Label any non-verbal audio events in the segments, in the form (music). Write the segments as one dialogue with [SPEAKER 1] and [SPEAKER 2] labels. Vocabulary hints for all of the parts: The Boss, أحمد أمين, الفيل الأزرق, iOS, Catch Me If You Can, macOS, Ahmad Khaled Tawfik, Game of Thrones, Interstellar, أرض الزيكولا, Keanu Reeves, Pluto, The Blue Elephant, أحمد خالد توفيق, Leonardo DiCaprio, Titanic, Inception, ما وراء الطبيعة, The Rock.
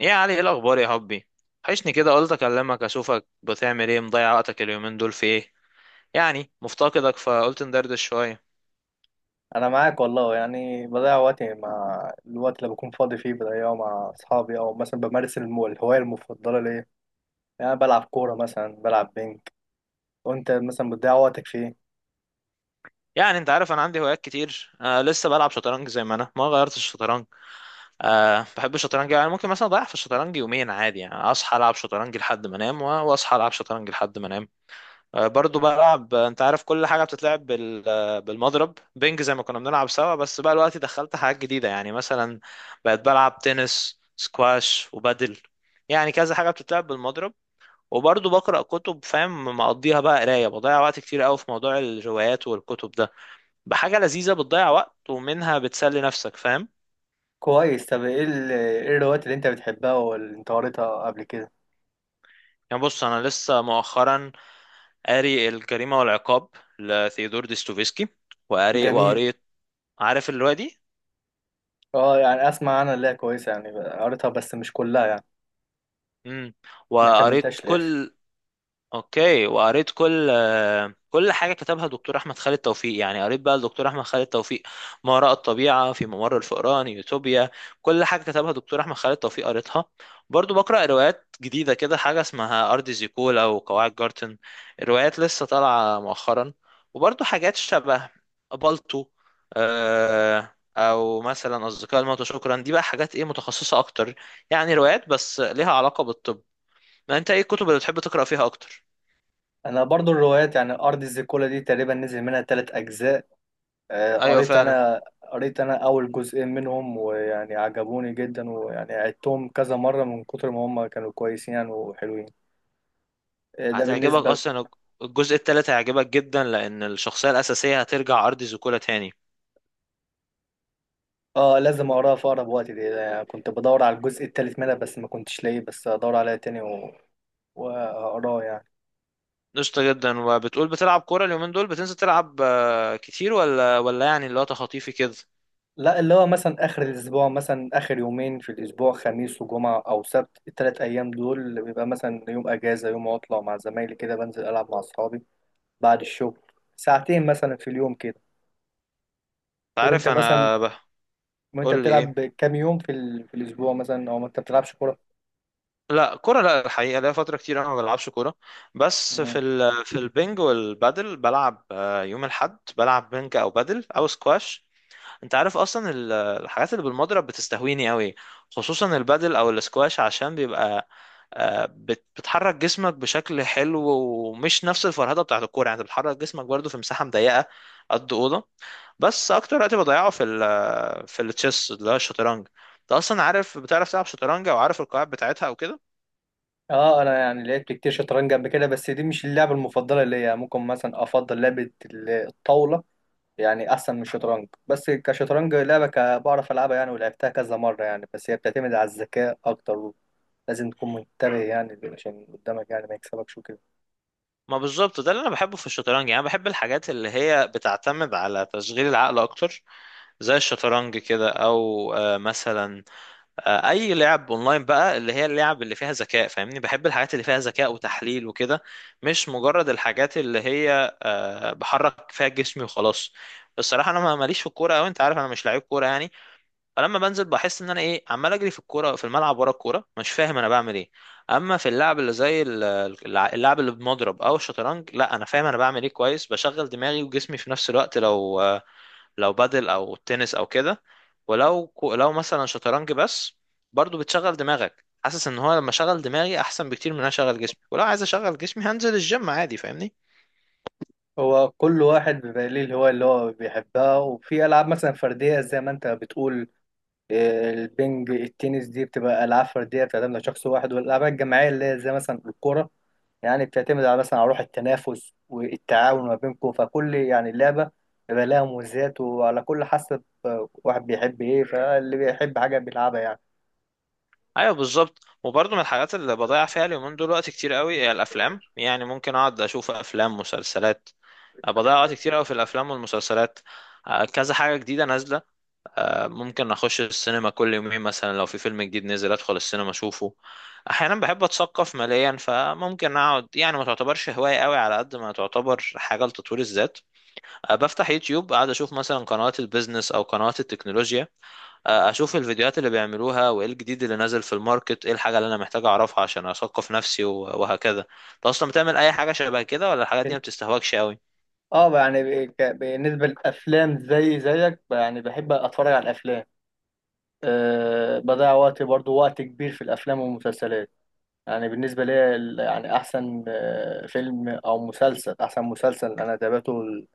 [SPEAKER 1] ايه يا علي، ايه الاخبار يا حبي؟ وحشني كده، قلت اكلمك اشوفك بتعمل ايه. مضيع وقتك اليومين دول في ايه؟ يعني مفتقدك فقلت ندردش شويه.
[SPEAKER 2] انا معاك والله، يعني بضيع وقتي مع الوقت اللي بكون فاضي فيه بضيعه مع اصحابي او مثلا بمارس الهوايه المفضله ليا. يعني أنا بلعب كوره، مثلا بلعب بينج. وانت مثلا بتضيع وقتك في ايه؟
[SPEAKER 1] يعني انت عارف انا عندي هوايات كتير، لسه بلعب شطرنج، زي ما انا ما غيرتش الشطرنج. بحب الشطرنج، يعني ممكن مثلا اضيع في الشطرنج يومين عادي. يعني اصحى العب شطرنج لحد ما انام واصحى العب شطرنج لحد ما انام. برضو بلعب. انت عارف كل حاجة بتتلعب بالمضرب، بينج زي ما كنا بنلعب سوا، بس بقى الوقت دخلت حاجات جديدة، يعني مثلا بقيت بلعب تنس، سكواش وبادل. يعني كذا حاجة بتتلعب بالمضرب. وبرضو بقرأ كتب فاهم، مقضيها بقى قراية، بضيع وقت كتير قوي في موضوع الروايات والكتب ده. بحاجة لذيذة بتضيع وقت ومنها بتسلي نفسك، فاهم؟
[SPEAKER 2] كويس. طب ايه الروايات اللي انت بتحبها واللي انت قريتها قبل كده؟
[SPEAKER 1] يعني بص، أنا لسه مؤخرا قاري الجريمة والعقاب لثيودور ديستوفيسكي. وقاري
[SPEAKER 2] جميل.
[SPEAKER 1] وقريت. عارف الرواية دي؟
[SPEAKER 2] اه يعني اسمع عنها، اللي هي كويسه، يعني قريتها بس مش كلها يعني،
[SPEAKER 1] امم.
[SPEAKER 2] ما
[SPEAKER 1] وقريت
[SPEAKER 2] كملتهاش للاخر.
[SPEAKER 1] كل. اوكي، وقريت كل كل حاجه كتبها دكتور احمد خالد توفيق. يعني قريت بقى الدكتور احمد خالد توفيق، ما وراء الطبيعه، في ممر الفئران، يوتوبيا. كل حاجه كتبها دكتور احمد خالد توفيق قريتها. برضو بقرا روايات جديده كده، حاجه اسمها ارض زيكولا وقواعد جارتن. الروايات لسه طالعه مؤخرا. وبرضو حاجات شبه بالطو. او مثلا اصدقاء الموتى، شكرا. دي بقى حاجات ايه، متخصصه اكتر. يعني روايات بس ليها علاقه بالطب. ما انت ايه الكتب اللي بتحب تقرأ فيها اكتر؟
[SPEAKER 2] انا برضو الروايات. يعني ارض الزيكولا دي تقريبا نزل منها ثلاث اجزاء. آه،
[SPEAKER 1] ايوه
[SPEAKER 2] قريت
[SPEAKER 1] فعلا.
[SPEAKER 2] انا قريت انا اول جزئين منهم، ويعني عجبوني جدا، ويعني عدتهم كذا مرة من كتر ما هم كانوا كويسين يعني وحلوين. ده
[SPEAKER 1] هتعجبك
[SPEAKER 2] بالنسبة.
[SPEAKER 1] اصلا، الجزء التالت هيعجبك جدا، لان الشخصية الاساسية هترجع ارض زيكولا تاني.
[SPEAKER 2] اه لازم اقراها في اقرب وقت دي، يعني كنت بدور على الجزء التالت منها بس ما كنتش لاقيه، بس ادور عليها تاني واقراه يعني.
[SPEAKER 1] قشطة جدا. وبتقول بتلعب كورة اليومين دول، بتنزل تلعب كتير ولا يعني اللي هو تخطيفي كده انت؟
[SPEAKER 2] لا، اللي هو مثلا اخر الاسبوع، مثلا اخر يومين في الاسبوع، خميس وجمعة او سبت، التلات ايام دول بيبقى مثلا يوم اجازة يوم عطلة، مع زمايلي كده بنزل العب مع اصحابي بعد الشغل ساعتين مثلا في اليوم كده. وانت
[SPEAKER 1] عارف
[SPEAKER 2] مثلا
[SPEAKER 1] انا
[SPEAKER 2] وانت
[SPEAKER 1] قول لي
[SPEAKER 2] بتلعب
[SPEAKER 1] ايه؟
[SPEAKER 2] كام يوم في الاسبوع مثلا، او ما انت بتلعبش كوره؟
[SPEAKER 1] لا، كورة لا الحقيقة، لا فترة كتير انا ما بلعبش كورة. بس
[SPEAKER 2] مم.
[SPEAKER 1] في البنج والبادل بلعب. يوم الاحد بلعب بنج او بادل او سكواش. انت عارف اصلا الحاجات اللي بالمضرب بتستهويني قوي، خصوصا البادل او الاسكواش، عشان بيبقى بتحرك جسمك بشكل حلو، ومش نفس الفرهده بتاعت الكوره. يعني انت بتحرك جسمك برضو في مساحه مضيقه، قد اوضه. بس اكتر وقت بضيعه في التشيس، اللي هو الشطرنج. انت اصلا عارف، بتعرف تلعب شطرنج او عارف القواعد بتاعتها او كده؟
[SPEAKER 2] اه انا يعني لعبت كتير شطرنج قبل كده، بس دي مش اللعبه المفضله ليا. يعني ممكن مثلا افضل لعبه الطاوله، يعني احسن من الشطرنج. بس كشطرنج لعبه، بعرف العبها يعني ولعبتها كذا مره يعني. بس هي بتعتمد على الذكاء اكتر، لازم تكون منتبه يعني عشان اللي قدامك يعني ما يكسبكش وكده.
[SPEAKER 1] ما بالظبط ده اللي انا بحبه في الشطرنج. يعني أنا بحب الحاجات اللي هي بتعتمد على تشغيل العقل اكتر، زي الشطرنج كده. او مثلا، اي لعب اونلاين بقى، اللي هي اللعب اللي فيها ذكاء. فاهمني، بحب الحاجات اللي فيها ذكاء وتحليل وكده، مش مجرد الحاجات اللي هي بحرك فيها جسمي وخلاص. الصراحه انا ماليش في الكوره قوي. انت عارف انا مش لعيب كوره يعني، فلما بنزل بحس ان انا ايه، عمال اجري في الكوره، في الملعب ورا الكوره مش فاهم انا بعمل ايه. اما في اللعب اللي زي اللعب اللي بمضرب او الشطرنج، لا انا فاهم انا بعمل ايه كويس، بشغل دماغي وجسمي في نفس الوقت. لو لو بادل او تنس او كده، ولو لو مثلا شطرنج بس، برضو بتشغل دماغك. حاسس ان هو لما شغل دماغي احسن بكتير من ان أنا اشغل جسمي، ولو عايز اشغل جسمي هنزل الجيم عادي فاهمني.
[SPEAKER 2] هو كل واحد بيبقى ليه الهوايه اللي هو بيحبها، وفي العاب مثلا فرديه زي ما انت بتقول، البنج التنس دي بتبقى العاب فرديه بتعتمد على شخص واحد، والالعاب الجماعيه اللي هي زي مثلا الكوره يعني بتعتمد على مثلا على روح التنافس والتعاون ما بينكم. فكل يعني لعبه بيبقى لها مميزات، وعلى كل حسب واحد بيحب ايه، فاللي بيحب حاجه بيلعبها يعني.
[SPEAKER 1] ايوه بالظبط. وبرضو من الحاجات اللي بضيع فيها اليومين دول وقت كتير قوي هي الافلام. يعني ممكن اقعد اشوف افلام، مسلسلات. بضيع وقت كتير قوي في الافلام والمسلسلات. كذا حاجة جديدة نازلة، ممكن اخش السينما كل يومين، مثلا لو في فيلم جديد نزل ادخل السينما اشوفه. احيانا بحب اتثقف ماليا، فممكن اقعد. يعني ما تعتبرش هواية قوي على قد ما تعتبر حاجة لتطوير الذات. بفتح يوتيوب قاعد اشوف مثلا قنوات البيزنس او قنوات التكنولوجيا. اشوف الفيديوهات اللي بيعملوها وايه الجديد اللي نازل في الماركت، ايه الحاجة اللي انا محتاج اعرفها عشان اثقف نفسي وهكذا. انت اصلا بتعمل اي حاجة شبه كده، ولا الحاجات دي
[SPEAKER 2] بن-
[SPEAKER 1] ما بتستهواكش قوي؟
[SPEAKER 2] اه يعني بالنسبه للافلام، زي زيك يعني بحب اتفرج على الافلام. أه بضيع وقتي برضو وقت كبير في الافلام والمسلسلات. يعني بالنسبة لي يعني أحسن فيلم أو مسلسل، أحسن مسلسل أنا تابعته،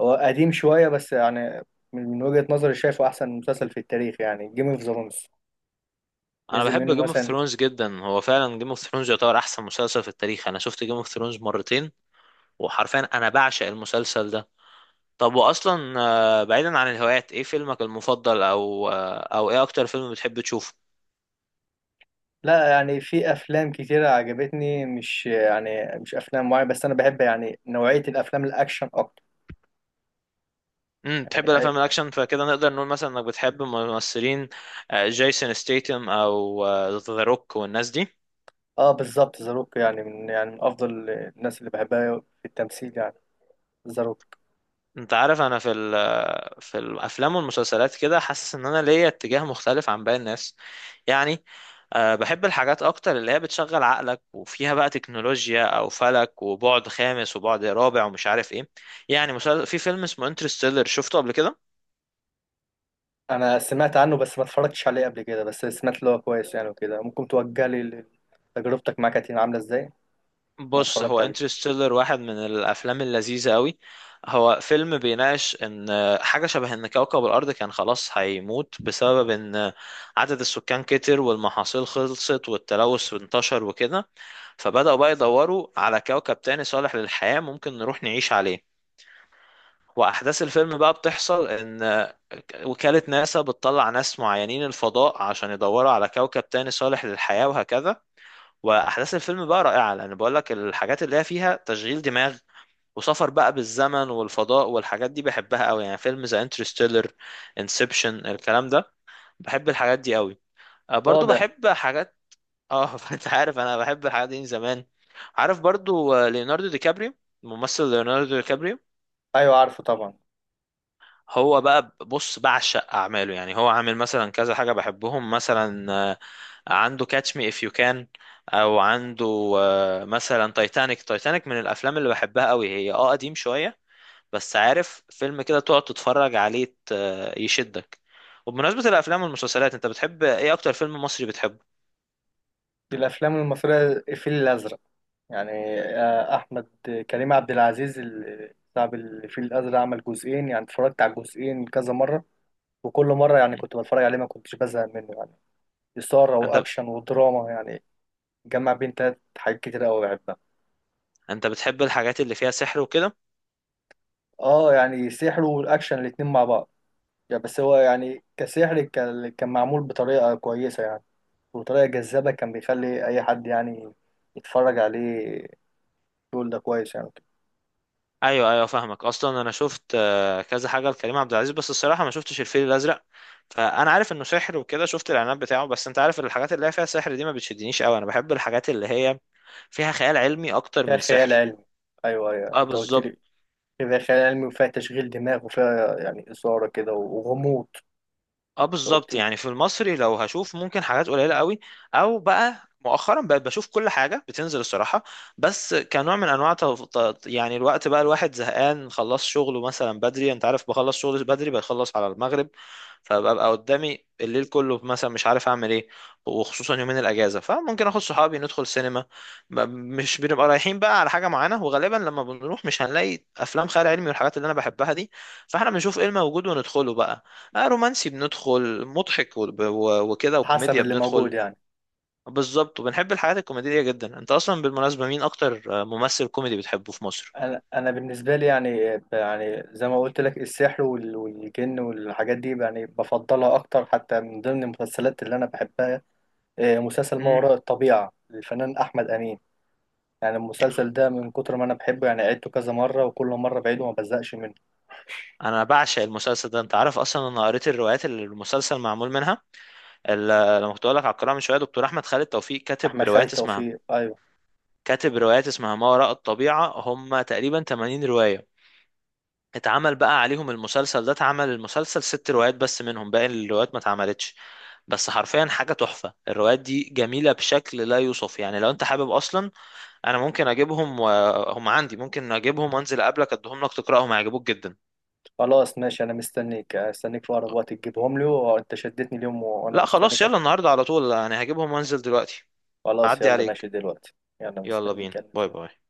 [SPEAKER 2] هو قديم شوية بس يعني من وجهة نظري شايفه أحسن مسلسل في التاريخ، يعني جيم اوف ثرونز.
[SPEAKER 1] انا
[SPEAKER 2] نزل
[SPEAKER 1] بحب
[SPEAKER 2] منه
[SPEAKER 1] جيم اوف
[SPEAKER 2] مثلا.
[SPEAKER 1] ثرونز جدا. هو فعلا جيم اوف ثرونز يعتبر احسن مسلسل في التاريخ. انا شفت جيم اوف ثرونز مرتين، وحرفيا انا بعشق المسلسل ده. طب، واصلا بعيدا عن الهوايات، ايه فيلمك المفضل، او ايه اكتر فيلم بتحب تشوفه؟
[SPEAKER 2] لا يعني في أفلام كتيرة عجبتني، مش يعني مش أفلام معينة، بس أنا بحب يعني نوعية الأفلام الأكشن أكتر.
[SPEAKER 1] تحب
[SPEAKER 2] يعني
[SPEAKER 1] الافلام الاكشن، فكده نقدر نقول مثلا انك بتحب ممثلين، جيسون ستيتم او ذا روك والناس دي؟
[SPEAKER 2] بالظبط، ذا روك يعني من أفضل الناس اللي بحبها في التمثيل يعني، ذا روك.
[SPEAKER 1] انت عارف انا في الافلام والمسلسلات كده حاسس ان انا ليا اتجاه مختلف عن باقي الناس. يعني، بحب الحاجات اكتر اللي هي بتشغل عقلك وفيها بقى تكنولوجيا، او فلك وبعد خامس وبعد رابع ومش عارف ايه. يعني في فيلم اسمه انترستيلر، شفته قبل كده؟
[SPEAKER 2] انا سمعت عنه بس ما اتفرجتش عليه قبل كده، بس سمعت اللي هو كويس يعني وكده. ممكن توجه لي، تجربتك معاه كانت عامله ازاي؟ انا
[SPEAKER 1] بص، هو
[SPEAKER 2] اتفرجت عليه.
[SPEAKER 1] انترستيلر واحد من الافلام اللذيذه قوي. هو فيلم بيناقش ان، حاجه شبه ان كوكب الارض كان خلاص هيموت، بسبب ان عدد السكان كتر والمحاصيل خلصت والتلوث انتشر وكده. فبداوا بقى يدوروا على كوكب تاني صالح للحياه ممكن نروح نعيش عليه. واحداث الفيلم بقى بتحصل ان وكاله ناسا بتطلع ناس معينين الفضاء عشان يدوروا على كوكب تاني صالح للحياه وهكذا. واحداث الفيلم بقى رائعه، لان بقول لك الحاجات اللي هي فيها تشغيل دماغ، وسفر بقى بالزمن والفضاء والحاجات دي بحبها قوي. يعني فيلم زي انترستيلر، انسبشن، الكلام ده، بحب الحاجات دي قوي. برضو
[SPEAKER 2] واضح.
[SPEAKER 1] بحب حاجات. اه (laughs) انت عارف انا بحب الحاجات دي من زمان. عارف برضو ليوناردو دي كابريو، الممثل ليوناردو دي كابريو.
[SPEAKER 2] ايوه عارفه طبعا.
[SPEAKER 1] هو بقى، بص، بعشق اعماله. يعني هو عامل مثلا كذا حاجة بحبهم، مثلا عنده كاتش مي اف يو كان، او عنده مثلا تايتانيك. تايتانيك من الافلام اللي بحبها قوي، هي قديم شوية، بس عارف فيلم كده تقعد تتفرج عليه يشدك. وبمناسبة الافلام والمسلسلات، انت بتحب ايه، اكتر فيلم مصري بتحبه؟
[SPEAKER 2] في الافلام المصريه الفيل الازرق. يعني احمد كريم عبد العزيز صاحب الفيل الازرق عمل جزئين. يعني اتفرجت على الجزئين كذا مره، وكل مره يعني
[SPEAKER 1] م.
[SPEAKER 2] كنت بتفرج عليه ما كنتش بزهق منه يعني. اثاره
[SPEAKER 1] انت
[SPEAKER 2] واكشن ودراما، يعني جمع بين تلات حاجات كتير قوي بحبها.
[SPEAKER 1] انت بتحب الحاجات اللي فيها سحر وكده؟
[SPEAKER 2] اه يعني سحر والاكشن الاتنين مع بعض يعني. بس هو يعني كسحر كان معمول بطريقة كويسة يعني، وطريقة جذابة كان بيخلي أي حد يعني يتفرج عليه يقول ده كويس يعني.
[SPEAKER 1] ايوه، ايوه، فاهمك. اصلا انا شفت كذا حاجه لكريم عبد العزيز، بس الصراحه ما شفتش الفيل الازرق. فانا عارف انه سحر وكده، شفت الاعلانات بتاعه، بس انت عارف الحاجات اللي هي فيها سحر دي ما بتشدنيش قوي. انا بحب الحاجات اللي هي فيها خيال علمي اكتر
[SPEAKER 2] فيها
[SPEAKER 1] من
[SPEAKER 2] خيال
[SPEAKER 1] سحر.
[SPEAKER 2] علمي. أيوه أيوه،
[SPEAKER 1] اه
[SPEAKER 2] أنت قلت لي،
[SPEAKER 1] بالظبط.
[SPEAKER 2] فيها خيال علمي وفيها تشغيل دماغ وفيها يعني إثارة كده وغموض.
[SPEAKER 1] اه
[SPEAKER 2] أنت قلت
[SPEAKER 1] بالظبط،
[SPEAKER 2] لي.
[SPEAKER 1] يعني في المصري لو هشوف ممكن حاجات قليله قوي، او بقى مؤخرا بقيت بشوف كل حاجه بتنزل الصراحه. بس كنوع من انواع يعني الوقت بقى الواحد زهقان، خلص شغله مثلا بدري. انت عارف بخلص شغل بدري، بخلص على المغرب، فببقى قدامي الليل كله، مثلا مش عارف اعمل ايه. وخصوصا يومين الاجازه، فممكن اخد صحابي ندخل سينما. مش بنبقى رايحين بقى على حاجه معينه، وغالبا لما بنروح مش هنلاقي افلام خيال علمي والحاجات اللي انا بحبها دي، فاحنا بنشوف ايه الموجود وندخله بقى. رومانسي بندخل، مضحك وكده،
[SPEAKER 2] حسب
[SPEAKER 1] وكوميديا
[SPEAKER 2] اللي موجود
[SPEAKER 1] بندخل.
[SPEAKER 2] يعني.
[SPEAKER 1] بالظبط، وبنحب الحاجات الكوميدية جدا. انت اصلا بالمناسبة مين اكتر ممثل كوميدي بتحبه في مصر؟
[SPEAKER 2] أنا بالنسبة لي يعني، يعني زي ما قلت لك السحر والجن والحاجات دي يعني بفضلها أكتر، حتى من ضمن المسلسلات اللي أنا بحبها مسلسل ما
[SPEAKER 1] مم.
[SPEAKER 2] وراء الطبيعة للفنان أحمد أمين. يعني المسلسل ده من كتر ما انا بحبه يعني عدته كذا مره، وكل مره بعيده وما بزهقش منه.
[SPEAKER 1] انا بعشق المسلسل ده. انت عارف اصلا انا قريت الروايات اللي المسلسل معمول منها. لما كنت بقول لك على القراءة من شوية، دكتور احمد خالد توفيق كاتب
[SPEAKER 2] احمد خالد
[SPEAKER 1] روايات اسمها
[SPEAKER 2] توفيق، ايوه.
[SPEAKER 1] كاتب روايات اسمها ما وراء الطبيعة، هم تقريبا 80 رواية. اتعمل بقى عليهم المسلسل ده، اتعمل المسلسل ست روايات بس منهم، باقي الروايات ما اتعملتش. بس حرفيا حاجة تحفة، الروايات دي جميلة بشكل لا يوصف. يعني لو انت حابب اصلا، انا ممكن اجيبهم وهم عندي، ممكن اجيبهم وانزل اقابلك اديهم لك تقراهم، هيعجبوك جدا.
[SPEAKER 2] خلاص ماشي، انا مستنيك، استنيك في اقرب وقت تجيبهم لي، وانت شدتني اليوم وانا
[SPEAKER 1] لا خلاص،
[SPEAKER 2] مستنيك
[SPEAKER 1] يلا
[SPEAKER 2] عشان.
[SPEAKER 1] النهاردة على طول يعني، هجيبهم وانزل دلوقتي.
[SPEAKER 2] خلاص
[SPEAKER 1] اعدي
[SPEAKER 2] يلا
[SPEAKER 1] عليك.
[SPEAKER 2] ماشي دلوقتي. يلا
[SPEAKER 1] يلا بينا،
[SPEAKER 2] مستنيك، يلا.
[SPEAKER 1] باي باي.